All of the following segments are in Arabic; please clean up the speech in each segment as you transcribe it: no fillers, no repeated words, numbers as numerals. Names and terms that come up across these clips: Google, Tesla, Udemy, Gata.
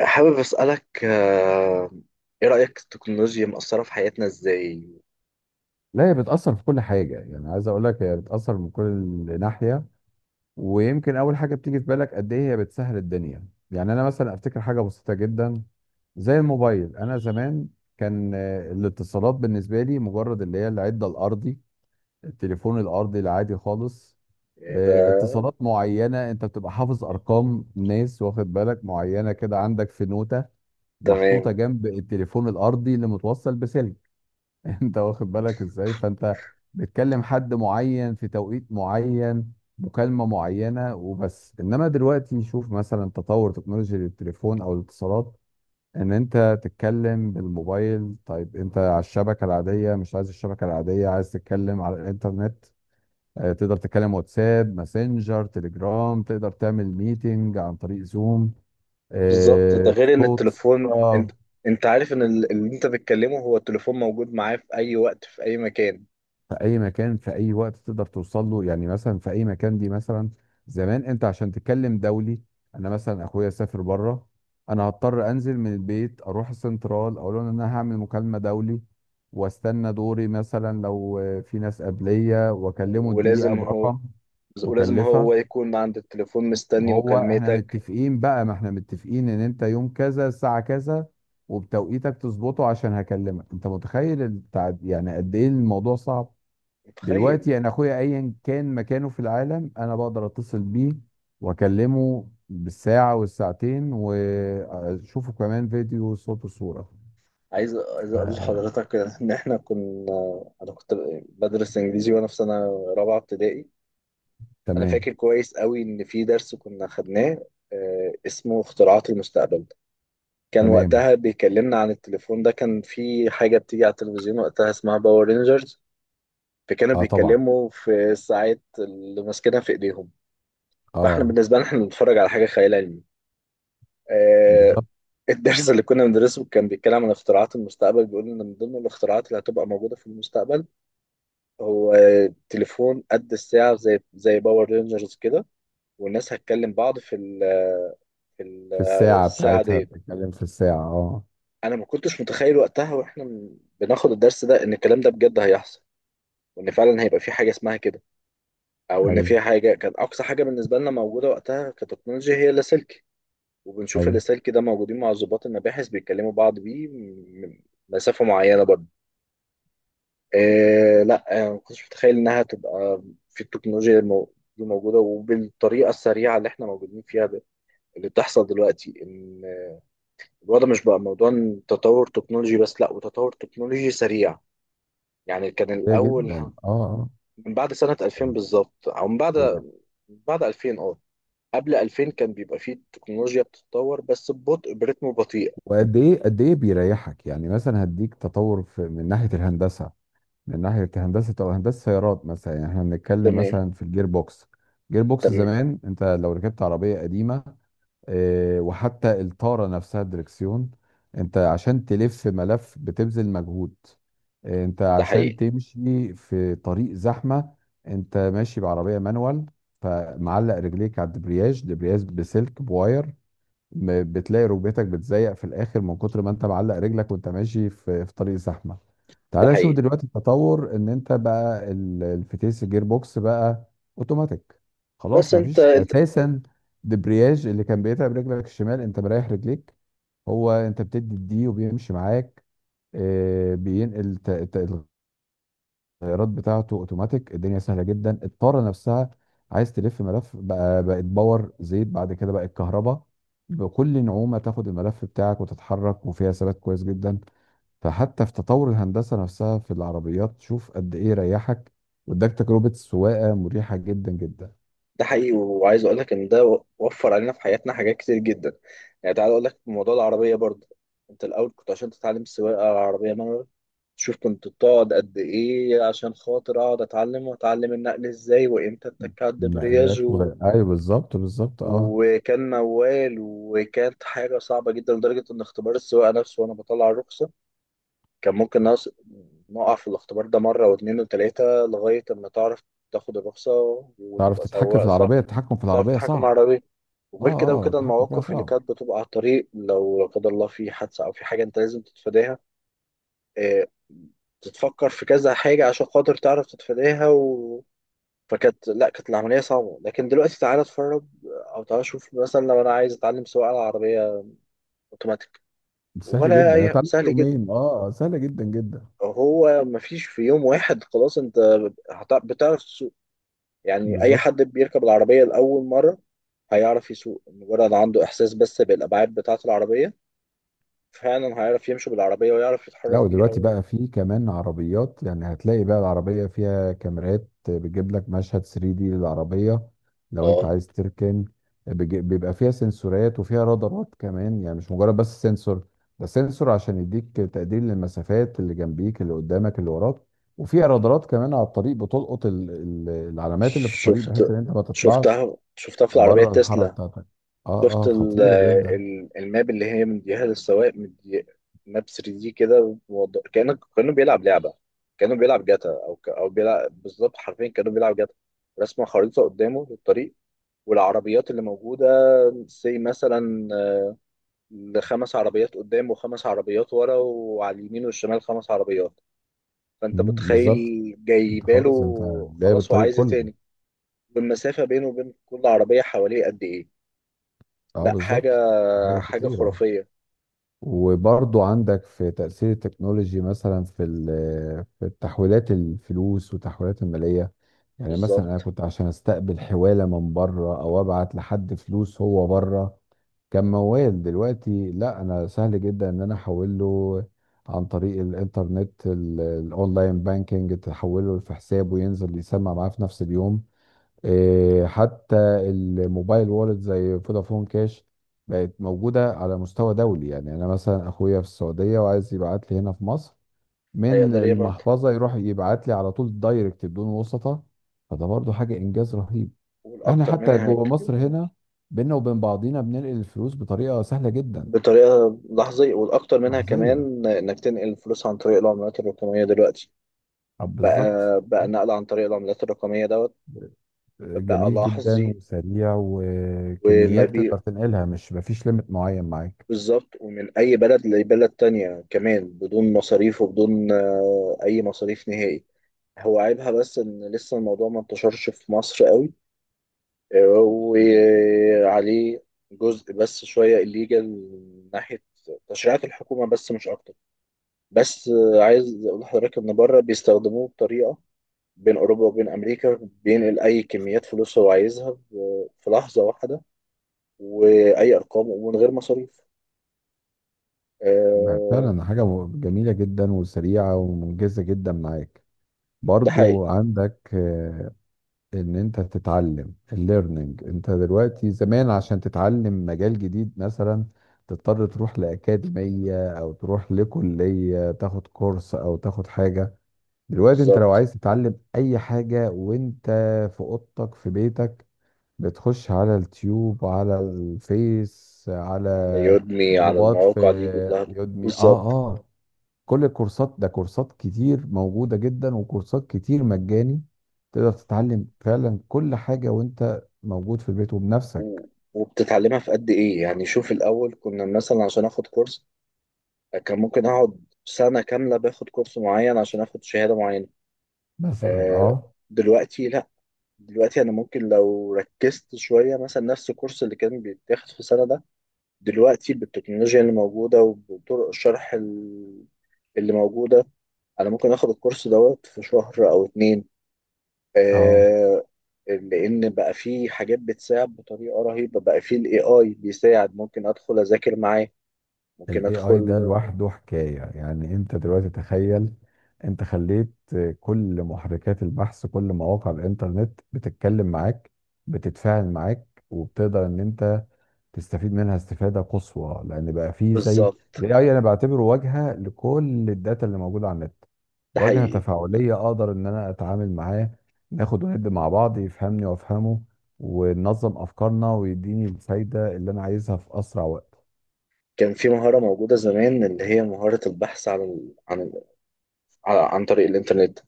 حابب أسألك إيه رأيك التكنولوجيا مأثرة في حياتنا إزاي؟ لا هي بتأثر في كل حاجة، يعني عايز أقول لك هي بتأثر من كل ناحية. ويمكن أول حاجة بتيجي في بالك قد إيه هي بتسهل الدنيا. يعني أنا مثلا أفتكر حاجة بسيطة جدا زي الموبايل. أنا زمان كان الاتصالات بالنسبة لي مجرد اللي هي العدة الأرضي، التليفون الأرضي العادي خالص. يعني ده. اتصالات معينة، أنت بتبقى حافظ أرقام ناس، واخد بالك معينة كده، عندك في نوتة محطوطة تمام. جنب التليفون الأرضي اللي متوصل بسلك. انت واخد بالك ازاي، فانت بتكلم حد معين في توقيت معين، مكالمة معينة وبس. انما دلوقتي شوف مثلا تطور تكنولوجيا التليفون او الاتصالات، ان انت تتكلم بالموبايل. طيب انت على الشبكة العادية، مش عايز الشبكة العادية، عايز تتكلم على الانترنت، تقدر تتكلم واتساب، ماسنجر، تليجرام، تقدر تعمل ميتنج عن طريق زوم، بالظبط، ده غير إن صوت، التليفون أنت صورة، أنت عارف إن اللي أنت بتكلمه هو التليفون موجود معاه في أي وقت في أي مكان. في اي مكان في اي وقت تقدر توصل له. يعني مثلا في اي مكان دي، مثلا زمان انت عشان تتكلم دولي، انا مثلا اخويا سافر بره، انا هضطر انزل من البيت اروح السنترال اقول لهم ان انا هعمل مكالمه دولي، واستنى دوري، مثلا لو في ناس قبليه، واكلمه الدقيقه ولازم هو برقم ولازم هو مكلفه. يكون عند التليفون مستني وهو احنا مكالمتك. متفقين بقى، ما احنا متفقين ان انت يوم كذا الساعه كذا، وبتوقيتك تظبطه عشان هكلمك. انت متخيل التعب، يعني قد ايه الموضوع صعب. متخيل. دلوقتي انا اخويا ايا كان مكانه في العالم انا بقدر اتصل بيه واكلمه بالساعه والساعتين واشوفه كمان، فيديو، صوت وصوره. عايز ف- أقول لحضرتك إن إحنا كنا، أنا كنت بدرس إنجليزي وأنا في سنة رابعة ابتدائي. انا تمام، فاكر كويس قوي ان في درس كنا خدناه اسمه اختراعات المستقبل. كان تمام. وقتها بيكلمنا عن التليفون، ده كان في حاجة بتيجي على التلفزيون وقتها اسمها باور رينجرز، فكانوا اه، طبعا. بيتكلموا في الساعات اللي ماسكينها في ايديهم، فاحنا اه، بالنسبة لنا احنا بنتفرج على حاجة خيال علمي. آه، بالظبط. الدرس اللي كنا بندرسه كان بيتكلم عن اختراعات المستقبل، بيقول ان من ضمن الاختراعات اللي هتبقى موجودة في المستقبل هو تليفون قد الساعة زي باور رينجرز كده، والناس هتكلم بعض في ال- في الساعه الساعة بتاعتها، دي. بتتكلم في الساعه، اه. انا ما كنتش متخيل وقتها واحنا بناخد الدرس ده ان الكلام ده بجد هيحصل، وان فعلا هيبقى في حاجة اسمها كده، او ان ايوه، في حاجة كانت اقصى حاجة بالنسبة لنا موجودة وقتها كتكنولوجيا هي اللاسلكي. وبنشوف ايوه. اللاسلكي ده موجودين مع ضباط المباحث بيتكلموا بعض بيه من مسافة معينة برضه. لا، ما كنتش متخيل انها تبقى في التكنولوجيا دي موجودة وبالطريقة السريعة اللي احنا موجودين فيها ده، اللي بتحصل دلوقتي ان الوضع مش بقى موضوع إن تطور تكنولوجي بس، لا وتطور تكنولوجي سريع. يعني كان كتير الاول جدا، اه اه. من بعد سنة 2000 بالظبط، او من بعد، يعني بعد 2000 اه. قبل 2000 كان بيبقى فيه تكنولوجيا بتتطور بس ببطء، برتم بطيء. وقد ايه، قد ايه بيريحك. يعني مثلا هديك تطور في، من ناحيه الهندسه، من ناحية هندسة أو هندسة سيارات مثلا. يعني احنا بنتكلم تمام. مثلا في الجير بوكس. جير بوكس تمام. زمان، انت لو ركبت عربية قديمة، اه، وحتى الطارة نفسها، الدركسيون، انت عشان تلف ملف بتبذل مجهود. اه، انت ده عشان حقيقي. تمشي في طريق زحمة، انت ماشي بعربية مانوال، فمعلق رجليك على الدبرياج، دبرياج بسلك بواير، بتلاقي ركبتك بتزيق في الاخر من كتر ما انت معلق رجلك، وانت ماشي في طريق زحمه. ده تعالى شوف حقيقي. دلوقتي التطور، ان انت بقى الفتيس، الجير بوكس، بقى اوتوماتيك. خلاص بس انت مفيش انت اساسا دبرياج اللي كان بيتعب رجلك الشمال، انت مريح رجليك. هو انت بتدي الدي وبيمشي معاك، بينقل التغييرات بتاعته اوتوماتيك. الدنيا سهله جدا. الطاره نفسها، عايز تلف ملف بقى، بقت باور زيت، بعد كده بقت كهرباء، بكل نعومه تاخد الملف بتاعك وتتحرك، وفيها ثبات كويس جدا. فحتى في تطور الهندسه نفسها في العربيات، شوف قد ايه ريحك واداك تجربه سواقه مريحه جدا جدا. ده حقيقي، وعايز اقول لك ان ده وفر علينا في حياتنا حاجات كتير جدا. يعني تعال اقول لك موضوع العربية برضه، انت الاول كنت عشان تتعلم سواقة عربية، شوف كنت بتقعد قد ايه عشان خاطر اقعد اتعلم، واتعلم النقل ازاي وامتى اتك على الدبرياج. نقلات و... و... ايوه بالظبط بالظبط، اه. وكان موال، وكانت حاجة صعبة جدا لدرجة ان اختبار السواقة نفسه وانا بطلع الرخصة كان ممكن نقع في الاختبار ده مرة واتنين وتلاتة لغاية اما تعرف تاخد الرخصة تعرف وتبقى تتحكم في سواق صح. العربيه، التحكم في تعرف العربيه تحكم صعب. العربية. اه وغير كده اه، وكده التحكم فيها المواقف اللي صعب. كانت بتبقى على الطريق لو لا قدر الله في حادثة أو في حاجة أنت لازم تتفاداها، آه، تتفكر في كذا حاجة عشان خاطر تعرف تتفاداها. و... فكانت، لا كانت العملية صعبة، لكن دلوقتي تعالى اتفرج، أو تعالى شوف مثلا لو أنا عايز أتعلم سواقة على عربية أوتوماتيك، سهل ولا جدا، انا أي، اتعلمت سهل جدا. يومين، اه، سهله جدا جدا. هو مفيش، في يوم واحد خلاص أنت بتعرف تسوق. يعني أي بالظبط. حد بيركب العربية لأول مرة هيعرف يسوق، مجرد عنده إحساس بس بالأبعاد بتاعة العربية فعلا هيعرف يمشي بالعربية ويعرف لا، يتحرك بيها. ودلوقتي و... بقى في كمان عربيات. يعني هتلاقي بقى العربية فيها كاميرات بتجيب لك مشهد 3D للعربية لو انت اه، عايز تركن. بيبقى فيها سنسورات وفيها رادارات كمان، يعني مش مجرد بس سنسور، ده سنسور عشان يديك تقدير للمسافات اللي جنبيك اللي قدامك اللي وراك. وفيها رادارات كمان على الطريق بتلقط العلامات اللي في الطريق، بحيث شفت. ان انت ما تطلعش شفتها في العربية بره الحاره تسلا. بتاعتك. اه شفت اه، خطيرة جدا. الماب اللي هي مديها للسواق، مدي ماب 3 دي كده، كأنه بيلعب لعبة، كأنه بيلعب جاتا، أو بيلعب بالظبط، حرفيا كأنه بيلعب جاتا. رسمة خريطة قدامه للطريق والعربيات اللي موجودة، زي مثلا خمس عربيات قدام وخمس عربيات ورا، وعلى اليمين والشمال خمس عربيات. فأنت مم، متخيل بالظبط. انت جايباله. خلاص انت جايب خلاص هو الطريق عايز إيه كله. تاني؟ والمسافة بينه وبين كل عربية حواليه قد إيه؟ اه لا حاجة. بالظبط، حاجه حاجة خطيره. خرافية. وبرضو عندك في تأثير التكنولوجي، مثلا في في تحويلات الفلوس وتحويلات المالية. يعني مثلا انا بالظبط. كنت عشان استقبل حوالة من بره او ابعت لحد فلوس هو بره، كان موال. دلوقتي لا، انا سهل جدا ان انا احول له عن طريق الانترنت، الاونلاين بانكينج، تحوله في حسابه وينزل يسمع معاه في نفس اليوم. إيه، حتى الموبايل وولد زي فودافون كاش، بقت موجودة على مستوى دولي. يعني أنا مثلا أخويا في السعودية وعايز يبعت لي هنا في مصر، من هيقدر يبعد. المحفظة يروح يبعت لي على طول دايركت بدون وسطة. فده برضو حاجة إنجاز رهيب. إحنا والأكتر حتى منها جوه مصر هنا، بينا وبين بعضينا بننقل الفلوس بطريقة سهلة جدا، بطريقة لحظية، والأكتر منها لحظية. كمان إنك تنقل الفلوس عن طريق العملات الرقمية دلوقتي. طب بقى بالظبط بقى بالظبط. نقل عن طريق العملات الرقمية دوت. بقى جميل جدا لحظي. وسريع، وما وكميات بي، تقدر تنقلها، مش مفيش ليميت معين معاك. بالظبط، ومن أي بلد لبلد تانية كمان بدون مصاريف وبدون أي مصاريف نهائي. هو عيبها بس إن لسه الموضوع ما انتشرش في مصر قوي، وعليه جزء بس شوية الليجل من ناحية تشريعات الحكومة بس مش أكتر. بس عايز أقول لحضرتك إن بره بيستخدموه بطريقة بين أوروبا وبين أمريكا، بينقل أي كميات فلوس هو عايزها في لحظة واحدة، وأي أرقام ومن غير مصاريف. ما آه، فعلا حاجة جميلة جدا وسريعة ومنجزة جدا معاك. ده حقيقي. برضو عندك ان انت تتعلم الليرنينج. انت دلوقتي زمان عشان تتعلم مجال جديد مثلا، تضطر تروح لأكاديمية او تروح لكلية تاخد كورس او تاخد حاجة. دلوقتي انت لو بالظبط، عايز تتعلم اي حاجة وانت في اوضتك في بيتك، بتخش على التيوب، على الفيس، على على يودمي على جروبات، في المواقع دي كلها. يودمي، اه بالظبط. اه. كل الكورسات ده، كورسات كتير موجودة جدا، وكورسات كتير مجاني. تقدر تتعلم فعلا كل حاجة وانت موجود في البيت وبنفسك. و- وبتتعلمها في قد إيه يعني؟ شوف الأول كنا مثلا عشان آخد كورس كان ممكن اقعد سنة كاملة باخد كورس معين عشان اخد شهادة معينة. مثلا، آه، اه دلوقتي لا، دلوقتي انا ممكن لو ركزت شوية مثلا نفس الكورس اللي كان بيتاخد في سنة ده، دلوقتي بالتكنولوجيا اللي موجودة وبطرق الشرح اللي موجودة، انا ممكن اخد الكورس دوت في شهر او اتنين. اه. آه، لان بقى في حاجات بتساعد بطريقة رهيبة، بقى في الاي اي بيساعد، ممكن ادخل اذاكر معاه، ممكن الاي اي ده ادخل. لوحده حكاية. يعني انت دلوقتي تخيل، انت خليت كل محركات البحث، كل مواقع الانترنت بتتكلم معاك، بتتفاعل معاك، وبتقدر ان انت تستفيد منها استفادة قصوى، لأن بقى فيه زي ال بالظبط. AI، أنا بعتبره واجهة لكل الداتا اللي موجودة على النت، ده واجهة حقيقي. تفاعلية أقدر إن أنا أتعامل معاه، ناخد وندي مع بعض، يفهمني وأفهمه، وننظم أفكارنا ويديني الفايدة اللي أنا عايزها في أسرع وقت. كان في مهارة موجودة زمان اللي هي مهارة البحث عن عن طريق الإنترنت،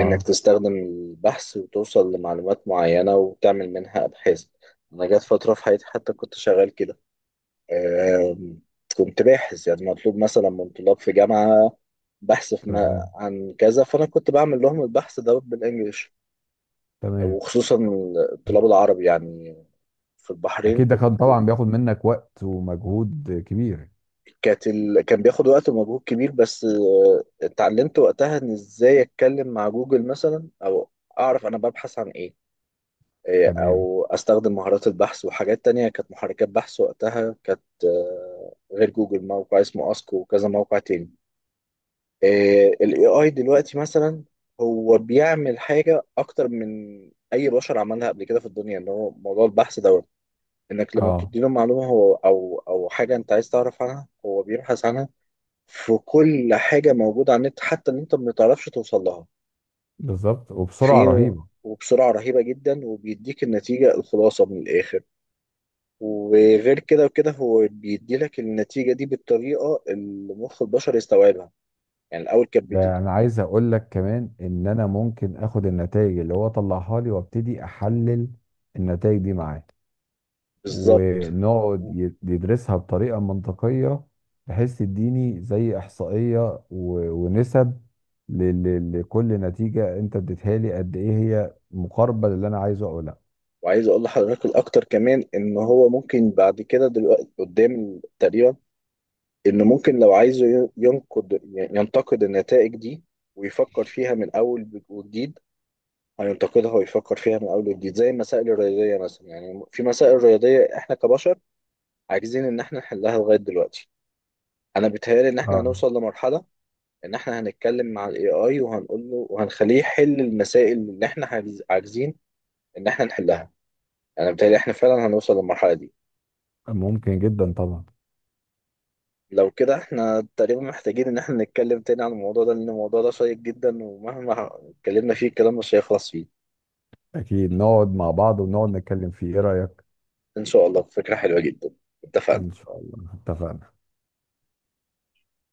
إنك تستخدم البحث وتوصل لمعلومات معينة وتعمل منها أبحاث. أنا جات فترة في حياتي حتى كنت شغال كده، آم، كنت باحث، يعني مطلوب مثلا من طلاب في جامعة بحث في ما... تمام عن كذا، فأنا كنت بعمل لهم البحث ده بالإنجلش، تمام. وخصوصا الطلاب العرب يعني في البحرين. أكيد ده كان طبعا بياخد منك وقت ومجهود كبير. كانت ال... كان بياخد وقت ومجهود كبير، بس اتعلمت وقتها ان ازاي اتكلم مع جوجل مثلا، او اعرف انا ببحث عن ايه، تمام، او استخدم مهارات البحث وحاجات تانية. كانت محركات بحث وقتها كانت غير جوجل موقع اسمه اسكو وكذا موقع تاني. الاي اي دلوقتي مثلا هو بيعمل حاجة اكتر من اي بشر عملها قبل كده في الدنيا، اللي هو موضوع البحث دوت. انك لما اه، بتديله معلومة هو او حاجة انت عايز تعرف عنها، هو بيبحث عنها في كل حاجة موجودة على النت حتى اللي انت ما بتعرفش توصل لها. بالظبط. وبسرعة في رهيبة. وبسرعة رهيبة جدا، وبيديك النتيجة الخلاصة من الآخر. وغير كده وكده هو بيديلك النتيجة دي بالطريقة اللي مخ البشر يستوعبها. يعني الأول كان ده انا عايز اقول لك كمان ان انا ممكن اخد النتائج اللي هو طلعها لي وابتدي احلل النتائج دي معاه، بالظبط. ونقعد و- يدرسها بطريقة منطقية، بحيث تديني زي احصائية ونسب لكل نتيجة انت اديتها لي، قد ايه هي مقاربة للي انا عايزه او لا. وعايز أقول لحضرتك الأكتر كمان إن هو ممكن بعد كده دلوقتي قدام تقريبا، إن ممكن لو عايزه ي- ينقد ينتقد النتائج دي، ويفكر فيها من أول وجديد، هينتقدها ويفكر فيها من اول وجديد زي المسائل الرياضيه مثلا. يعني في مسائل رياضيه احنا كبشر عاجزين ان احنا نحلها لغايه دلوقتي. انا بيتهيألي ان احنا اه، هنوصل لمرحله ان احنا هنتكلم مع الاي اي وهنقول له وهنخليه يحل المسائل اللي احنا عاجزين ان احنا نحلها. انا بيتهيألي احنا فعلا هنوصل للمرحله دي. ممكن جدا طبعا. لو كده احنا تقريبا محتاجين ان احنا نتكلم تاني عن الموضوع ده، لان الموضوع ده شيق جدا، ومهما اتكلمنا فيه الكلام مش هيخلص فيه. اكيد نقعد مع بعض ونقعد نتكلم فيه، ايه رأيك؟ ان شاء الله، فكره حلوه جدا. اتفقنا. ان شاء الله، اتفقنا.